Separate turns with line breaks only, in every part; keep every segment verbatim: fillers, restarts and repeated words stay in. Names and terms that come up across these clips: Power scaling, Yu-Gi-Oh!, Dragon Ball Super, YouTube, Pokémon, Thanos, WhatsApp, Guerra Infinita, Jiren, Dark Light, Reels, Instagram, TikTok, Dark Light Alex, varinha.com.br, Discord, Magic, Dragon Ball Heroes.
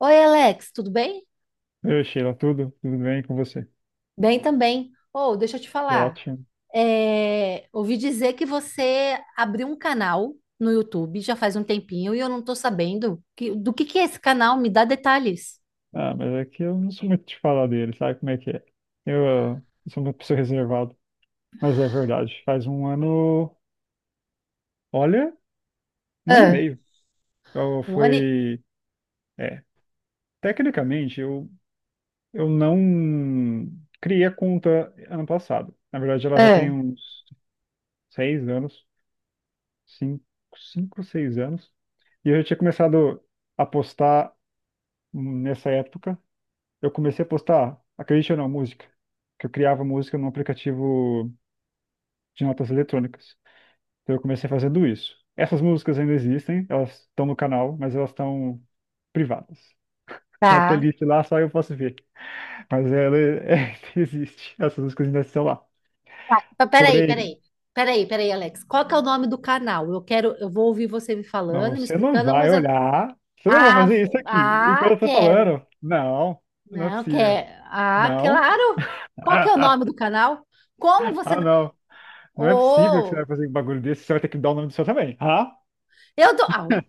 Oi, Alex, tudo bem?
Oi, Sheila, tudo? Tudo bem com você?
Bem também. Oh, deixa eu te
Que
falar.
ótimo.
É, ouvi dizer que você abriu um canal no YouTube já faz um tempinho e eu não estou sabendo que- do que que é esse canal. Me dá detalhes.
Ah, mas é que eu não sou muito de falar dele, sabe como é que é? Eu, ah, sou uma pessoa reservada, mas é verdade. Faz um ano, olha, um ano e
Ah,
meio. Eu
Um ano e...
foi, é, Tecnicamente eu, eu não criei a conta ano passado. Na verdade, ela já
ah,
tem uns seis anos, cinco, cinco, seis anos. E eu já tinha começado a postar nessa época. Eu comecei a postar, acredite ou não, música. Que eu criava música num aplicativo de notas eletrônicas. Então eu comecei fazendo isso. Essas músicas ainda existem, elas estão no canal, mas elas estão privadas. Tem uma
tá.
playlist lá, só eu posso ver. Mas ela é, existe. Essas músicas ainda estão lá.
Tá, pa- peraí,
Porém,
peraí. Peraí, peraí, Alex. Qual que é o nome do canal? Eu quero, eu vou ouvir você me
não,
falando, me
você não
explicando,
vai
mas eu...
olhar. Você não vai
Ah,
fazer isso
vo-
aqui.
ah,
Enquanto eu tô
quero.
falando, não, não é
Não,
possível.
quer. Ah,
Não?
claro. Qual que é o
Ah,
nome
ah,
do canal? Como você
ah, não. Não é possível que você
Oh,
vai fazer um bagulho desse, você vai ter que dar o nome do seu também. Ah?
eu dou. Ah, o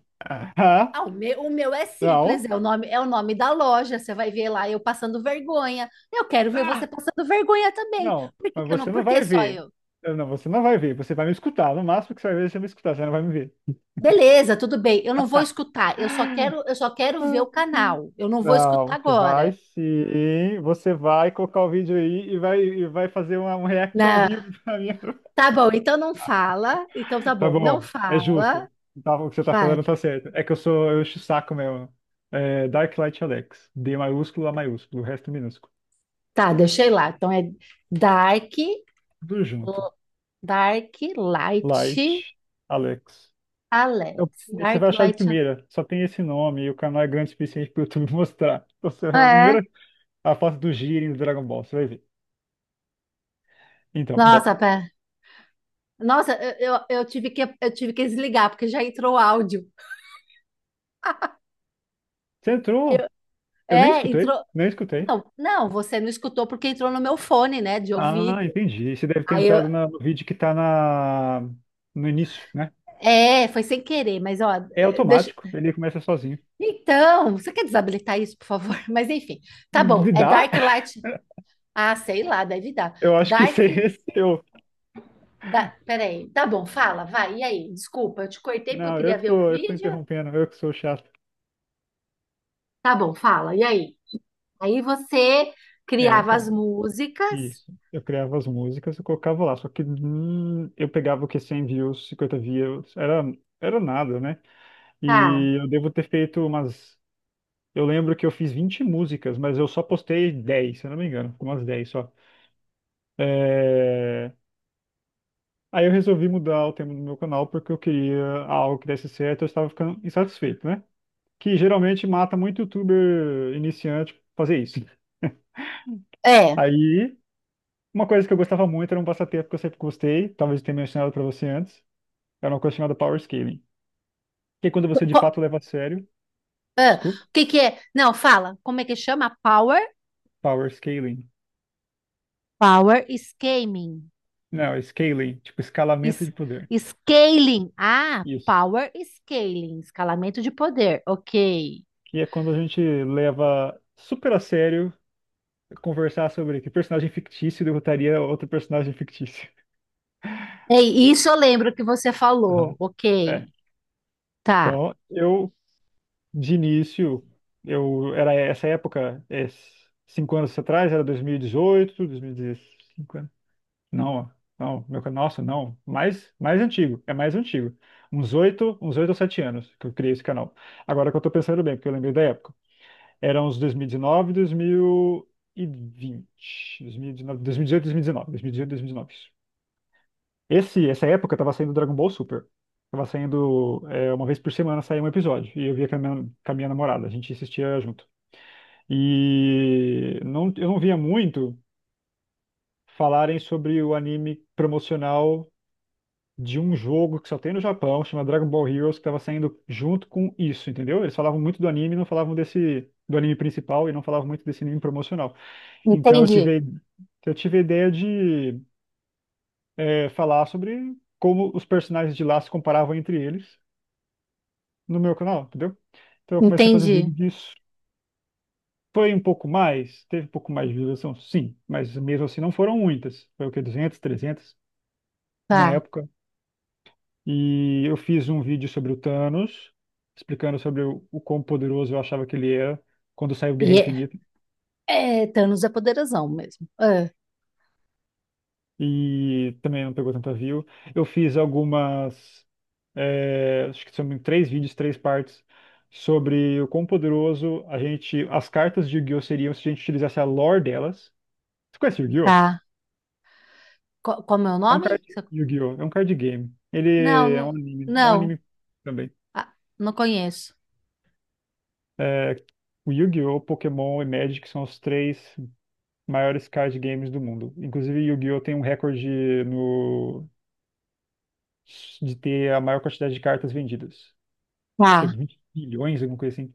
Ah,
ah, o meu, o meu é simples,
não,
é o nome, é o nome da loja. Você vai ver lá eu passando vergonha. Eu quero ver você
ah,
passando vergonha também.
não,
Por que
mas
que eu não?
você
Por
não
que
vai
só
ver.
eu?
Eu, Não, você não vai ver, você vai me escutar. No máximo que você vai ver, você vai me escutar, você não vai me ver.
Beleza, tudo bem. Eu não vou escutar. Eu só quero, eu só quero ver o canal. Eu não vou escutar
Não, você vai
agora.
sim, você vai colocar o vídeo aí e vai, e vai fazer uma- um react ao
Na,
vivo pra mim.
tá bom, então não fala. Então tá
Tá
bom, não
bom, é
fala.
justo. Tá, o que você tá
Vai.
falando tá certo. É que eu sou, eu encho o saco mesmo. É, Dark Light Alex. D maiúsculo, A maiúsculo, o resto minúsculo.
Tá, deixei lá. Então é Dark,
Tudo junto.
Dark Light
Light Alex. Eu-
Alex.
Você vai
Dark
achar de
Light.
primeira, só tem esse nome e o canal é grande o suficiente para o YouTube mostrar. Então, você vai a
É.
primeira a foto do Jiren do Dragon Ball, você vai ver. Então,
Nossa,
bom,
pera. Nossa, eu, eu, eu tive que, eu tive que desligar, porque já entrou o áudio.
você entrou,
Eu-
eu nem
é,
escutei,
entrou.
nem escutei.
Não, não, você não escutou porque entrou no meu fone, né, de
Ah,
ouvido.
entendi. Você deve ter
Aí eu.
entrado na- no vídeo que tá na, no início, né?
É, foi sem querer, mas ó,
É
eh, deixa.
automático, ele começa sozinho.
Então, você quer desabilitar isso, por favor? Mas enfim, tá bom.
De-
É
Dá?
Dark Light. Ah, sei lá, deve dar.
Eu acho que
Dark.
esse é esse. Eu,
Da... Peraí. Tá bom, fala, vai. E aí? Desculpa, eu te cortei porque eu
não, eu
queria
que
ver o
tô, eu que tô
vídeo.
interrompendo, eu que sou chato.
Tá bom, fala. E aí? Aí você
É,
criava as
então.
músicas.
Isso. Eu criava as músicas e colocava lá. Só que hum, eu pegava o que cem views, cinquenta views, era, era nada, né?
Tá.
E eu devo ter feito umas. Eu lembro que eu fiz vinte músicas, mas eu só postei dez se eu não me engano, umas dez só. É, Aí eu resolvi mudar o tema do meu canal porque eu queria algo que desse certo, eu estava ficando insatisfeito, né? Que geralmente mata muito youtuber iniciante fazer isso.
É.
Aí, uma coisa que eu gostava muito era um passatempo que eu sempre gostei, talvez eu tenha mencionado para você antes. É uma coisa chamada power scaling. Que é quando você de
Co-
fato leva a sério.
ah,
Desculpa.
o que que é? Não, fala. Como é que chama? Power?
Power scaling.
Power scaling.
Não, é scaling, tipo escalamento
Es-
de poder.
scaling. Ah,
Isso.
power scaling. Escalamento de poder. Ok.
Que é quando a gente leva super a sério conversar sobre que personagem fictício derrotaria outro personagem fictício.
Ei, isso eu lembro que você falou.
Aham. É.
Ok. Tá.
Então, eu, de início, eu era essa época, é, cinco anos atrás, era dois dois mil mil e dezoito, dois mil e dois mil e quinze. Não, não, meu, ca- nossa, não, mais, mais antigo, é mais antigo. Uns oito, uns oito ou sete anos que eu criei esse canal. Agora que eu tô pensando bem, porque eu lembrei da época. Era uns dois dois dois dois dois mil mil mil mil e e e dezoito, dois mil e vinte, dezoito, mil e dezoito, dois mil e dois mil e dezenove. Esse, essa época tava saindo Dragon Ball Super. Tava saindo, é, uma vez por semana saía um episódio, e eu via com a minha, com a minha, namorada, a gente assistia junto. E não, eu não via muito falarem sobre o anime promocional de um jogo que só tem no Japão, chama Dragon Ball Heroes, que estava saindo junto com isso, entendeu? Eles falavam muito do anime, não falavam desse do anime principal e não falavam muito desse anime promocional. Então eu
Entendi.
tive a- eu tive a ideia de é, falar sobre como os personagens de lá se comparavam entre eles no meu canal, entendeu? Então eu comecei a fazer
Entendi.
vídeo disso. Foi um pouco mais, teve um pouco mais de visualização, sim, mas mesmo assim não foram muitas. Foi o que, duzentos, trezentos na
Tá.
época. E eu fiz um vídeo sobre o Thanos, explicando sobre o, o quão poderoso eu achava que ele era quando saiu
E
Guerra
é,
Infinita.
é, Thanos é poderosão mesmo. Ah,
E também não pegou tanta view. Eu fiz algumas, é, acho que são em três vídeos, três partes, sobre o quão poderoso a gente, as cartas de Yu-Gi-Oh! Seriam se a gente utilizasse a lore delas. Você conhece Yu-Gi-Oh?
tá. Co- Como é o
É um
nome?
card,
Você-
Yu-Gi-Oh! É um card game.
Não,
Ele é um
não.
anime, é um
Não,
anime também.
ah, não conheço.
É, o Yu-Gi-Oh!, Pokémon e Magic são os três maiores card games do mundo. Inclusive, Yu-Gi-Oh! Tem um recorde no... de ter a maior quantidade de cartas vendidas. Acho que é
Tá,
20 milhões, alguma coisa assim.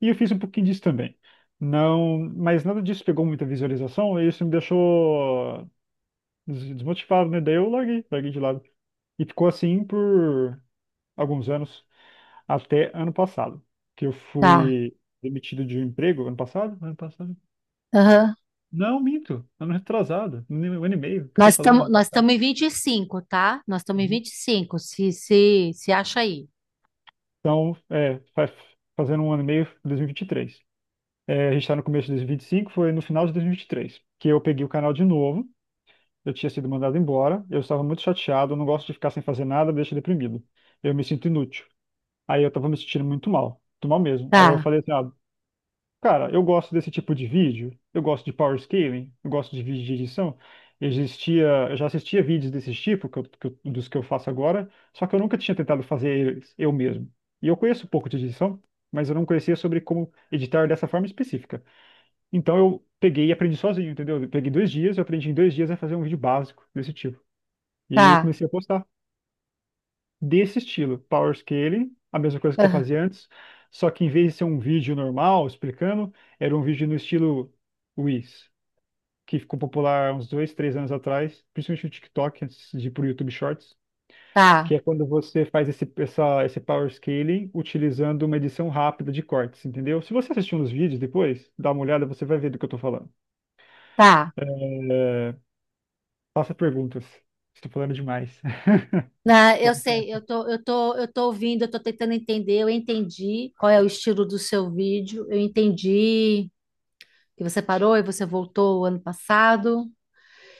E eu fiz um pouquinho disso também. Não, mas nada disso pegou muita visualização e isso me deixou des- desmotivado, né? Daí eu larguei, larguei de lado. E ficou assim por alguns anos, até ano passado, que eu
tá.
fui demitido de um emprego ano passado, ano passado.
Aham.
Não, minto, ano retrasado, um um ano e meio, o que eu tô
Nós
falando,
estamos
ano
nós
passado.
estamos em vinte e cinco, tá? Nós estamos em
Uhum.
vinte e cinco. se, se, se acha aí.
Então, é, faz, fazendo um ano e meio, dois mil e vinte e três. É, a gente está no começo de dois mil e e vinte e cinco. Foi no final de dois mil e e vinte e três que eu peguei o canal de novo. Eu tinha sido mandado embora, eu estava muito chateado, eu não gosto de ficar sem fazer nada, me deixa deprimido. Eu me sinto inútil. Aí eu estava me sentindo muito mal, muito mal mesmo. Aí eu
Tá,
falei assim, ah, cara, eu gosto desse tipo de vídeo, eu gosto de power scaling, eu gosto de vídeo de edição. Existia, eu já assistia vídeos desse tipo, que eu- que eu- dos que eu faço agora, só que eu nunca tinha tentado fazer eles eu mesmo. E eu conheço um pouco de edição, mas eu não conhecia sobre como editar dessa forma específica. Então eu peguei e aprendi sozinho, entendeu? Eu peguei dois dias, eu aprendi em dois dias a fazer um vídeo básico desse tipo. E aí eu
tá,
comecei a postar desse estilo, power scaling, a mesma coisa que eu
ah,
fazia antes, só que em vez de ser um vídeo normal explicando, era um vídeo no estilo Reels, que ficou popular uns dois, três anos atrás, principalmente no TikTok, antes de ir pro YouTube Shorts, que
tá,
é quando você faz esse, essa, esse power scaling utilizando uma edição rápida de cortes, entendeu? Se você assistir uns vídeos depois, dá uma olhada, você vai ver do que eu tô falando.
tá.
É, Faça perguntas. Estou falando demais.
Na- eu sei, eu tô, eu tô, eu tô ouvindo, eu tô tentando entender, eu entendi qual é o estilo do seu vídeo, eu entendi que você parou e você voltou ano passado,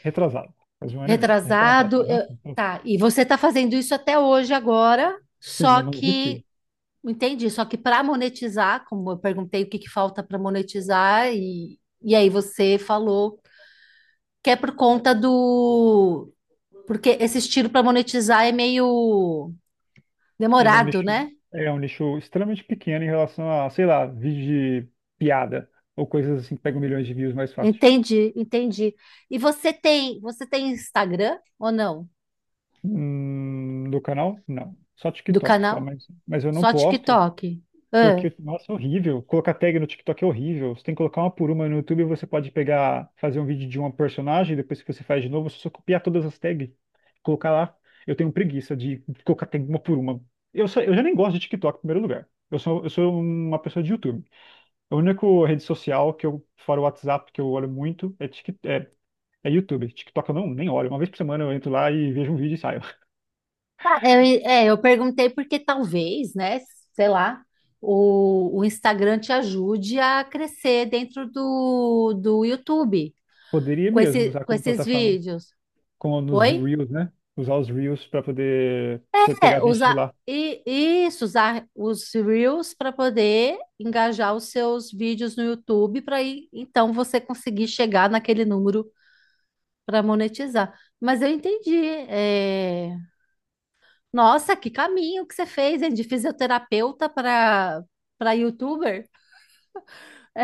Retrasado. Faz um ano e meio. Retrasado.
retrasado,
Aham.
eu- tá, e você tá fazendo isso até hoje agora,
Sim,
só
eu não desisti.
que entendi, só que para monetizar, como eu perguntei o que que falta para monetizar, e, e aí você falou que é por conta do. Porque esse estilo para monetizar é meio
Ele é um
demorado,
nicho,
né?
é um nicho extremamente pequeno em relação a, sei lá, vídeo de piada ou coisas assim que pegam milhões de views mais fácil.
Entendi, entendi. E você tem, você tem Instagram ou não?
Hum, do canal? Não. Só
Do
TikTok, só,
canal?
mas, mas eu não
Só
posto
TikTok? Ah,
porque, nossa, é horrível. Colocar tag no TikTok é horrível. Você tem que colocar uma por uma no YouTube, você pode pegar, fazer um vídeo de uma personagem, depois que você faz de novo, você só copiar todas as tags, colocar lá. Eu tenho preguiça de colocar tag uma por uma. Eu, só, eu já nem gosto de TikTok em primeiro lugar. Eu sou, eu sou uma pessoa de YouTube. A única rede social que eu, fora o WhatsApp, que eu olho muito é, Tik- é, é YouTube. TikTok eu não, nem olho. Uma vez por semana eu entro lá e vejo um vídeo e saio.
tá, eu, é, eu perguntei porque talvez, né? Sei lá, o, o Instagram te ajude a crescer dentro do, do YouTube.
Poderia
Com
mesmo
esse,
usar
com
como
esses
plataforma,
vídeos.
como nos
Oi?
Reels, né? Usar os Reels para poder ter-
É,
pegar gente de
usar
lá.
e isso, usar os Reels para poder engajar os seus vídeos no YouTube para aí então você conseguir chegar naquele número para monetizar. Mas eu entendi. É, nossa, que caminho que você fez, hein? De fisioterapeuta para para YouTuber.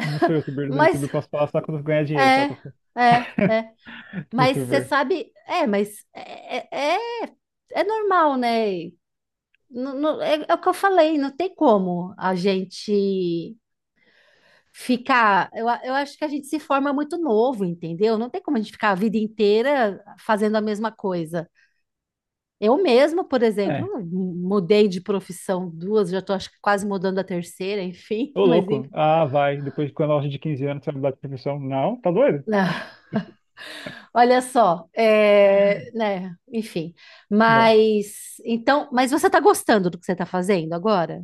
Não sou youtuber, sou
Mas
youtuber posso falar só quando ganhar dinheiro, só
é,
quando
é, é. Mas você
youtuber.
sabe, é, mas é, é, é é normal, né? Não- não- é, é o que eu falei, não tem como a gente ficar. Eu, a- eu acho que a gente se forma muito novo, entendeu? Não tem como a gente ficar a vida inteira fazendo a mesma coisa. Eu mesma, por exemplo,
É,
mu- mudei de profissão duas, já estou acho que quase mudando a terceira, enfim,
ô
mas
louco.
enfim.
Ah, vai. Depois de quando a loja de 15 anos, você vai mudar de profissão. Não, tá doido?
Não, olha só, é, né, enfim.
Não.
Mas então, mas você está gostando do que você está fazendo agora?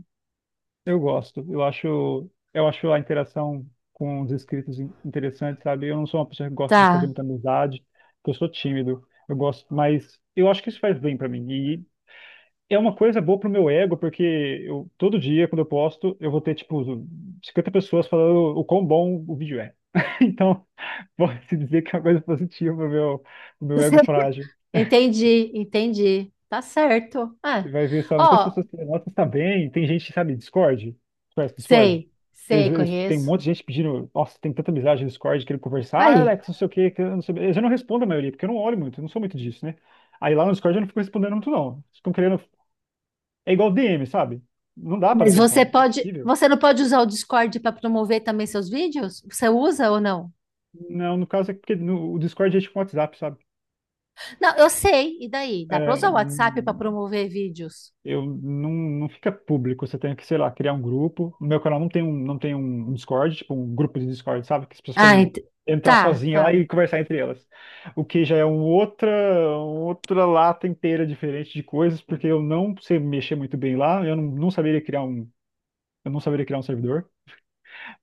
Eu gosto. Eu acho, eu acho a interação com os inscritos in- interessante, sabe? Eu não sou uma pessoa que gosta de fazer
Tá.
muita amizade, porque eu sou tímido. Eu gosto, mas eu acho que isso faz bem pra mim. E é uma coisa boa pro meu ego, porque eu todo dia quando eu posto, eu vou ter tipo cinquenta pessoas falando o quão bom o vídeo é. Então, pode-se dizer que é uma coisa positiva pro meu, pro meu, ego frágil.
Entendi, entendi. Tá certo. É.
Você vai ver só muitas
Ó,
pessoas que nossa tá bem. Tem gente, sabe, Discord? Você Conhece Discord?
sei,
Eles,
sei,
eles- tem um
conheço.
monte de gente pedindo. Nossa, tem tanta amizade no Discord querendo conversar. Ah,
Aí.
Alex, não sei o quê, que eu não sei. Eles eu não respondo a maioria, porque eu não olho muito, eu não sou muito disso, né? Aí lá no Discord eu não fico respondendo muito, não. Eles Ficam querendo. É igual D M, sabe? Não dá pra dar
Mas você
atenção. É
pode,
impossível.
você não pode usar o Discord para promover também seus vídeos? Você usa ou não?
Não, no caso é porque no, o Discord é tipo um WhatsApp, sabe?
Não, eu sei. E daí? Dá para
É,
usar o WhatsApp para promover vídeos?
eu não, não fica público. Você tem que, sei lá, criar um grupo. No meu canal não tem um, não tem um um Discord, tipo um grupo de Discord, sabe? Que as pessoas
Ah,
podem
ent-
entrar
tá,
sozinha lá
tá.
e conversar entre elas. O que já é um outra, outra lata inteira diferente de coisas, porque eu não sei mexer muito bem lá. Eu não, Não saberia criar um, eu não saberia criar um servidor.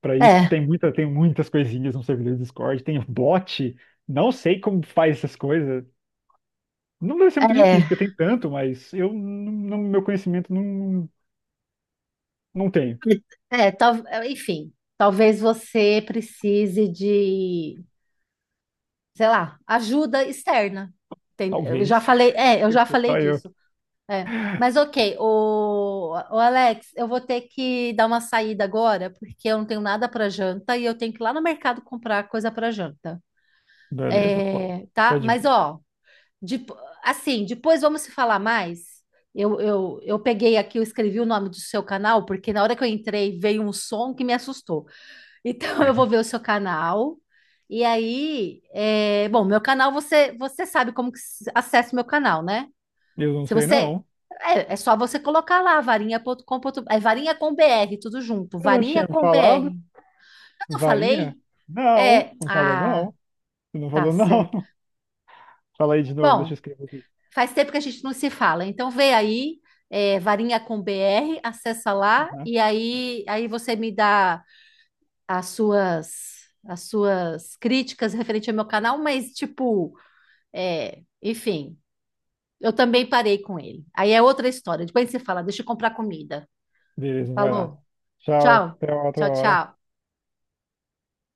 Para isso
É,
tem muita, tem muitas coisinhas no servidor do Discord. Tem bot. Não sei como faz essas coisas. Não deve ser muito
é,
difícil, porque tem tanto, mas eu, não, não- meu conhecimento não, não tenho.
é, tal- enfim, talvez você precise de, sei lá, ajuda externa. Tem- Eu já
Talvez.
falei, é, eu já falei
Só eu.
disso. É. Mas ok, o, o Alex, eu vou ter que dar uma saída agora, porque eu não tenho nada para janta e eu tenho que ir lá no mercado comprar coisa para janta.
Beleza, pô.
É,
Tá
tá?
de
Mas
boa.
ó, de- assim, depois vamos se falar mais. Eu, eu, eu peguei aqui, eu escrevi o nome do seu canal, porque na hora que eu entrei veio um som que me assustou. Então eu vou ver o seu canal. E aí, é, bom, meu canal você, você sabe como que se- acessa o meu canal, né?
Eu não
Se
sei,
você.
não.
É, é só você colocar lá, varinha ponto com ponto B R. É varinha com B R, tudo junto.
Você não
Varinha
tinha me
com B R.
falado?
Eu não falei?
Varinha? Não.
É.
Não falou,
Ah,
não. Você não
tá
falou, não.
certo.
Fala aí de novo, deixa eu
Bom,
escrever aqui.
faz tempo que a gente não se fala. Então vê aí, é, varinha com B R, acessa lá
Aham.
e aí, aí você me dá as suas. As suas críticas referente ao meu canal, mas tipo, é, enfim, eu também parei com ele. Aí é outra história. Depois você fala, deixa eu comprar comida.
Beleza, vai lá.
Falou?
Tchau,
Tchau.
até uma outra
Tchau,
hora.
tchau.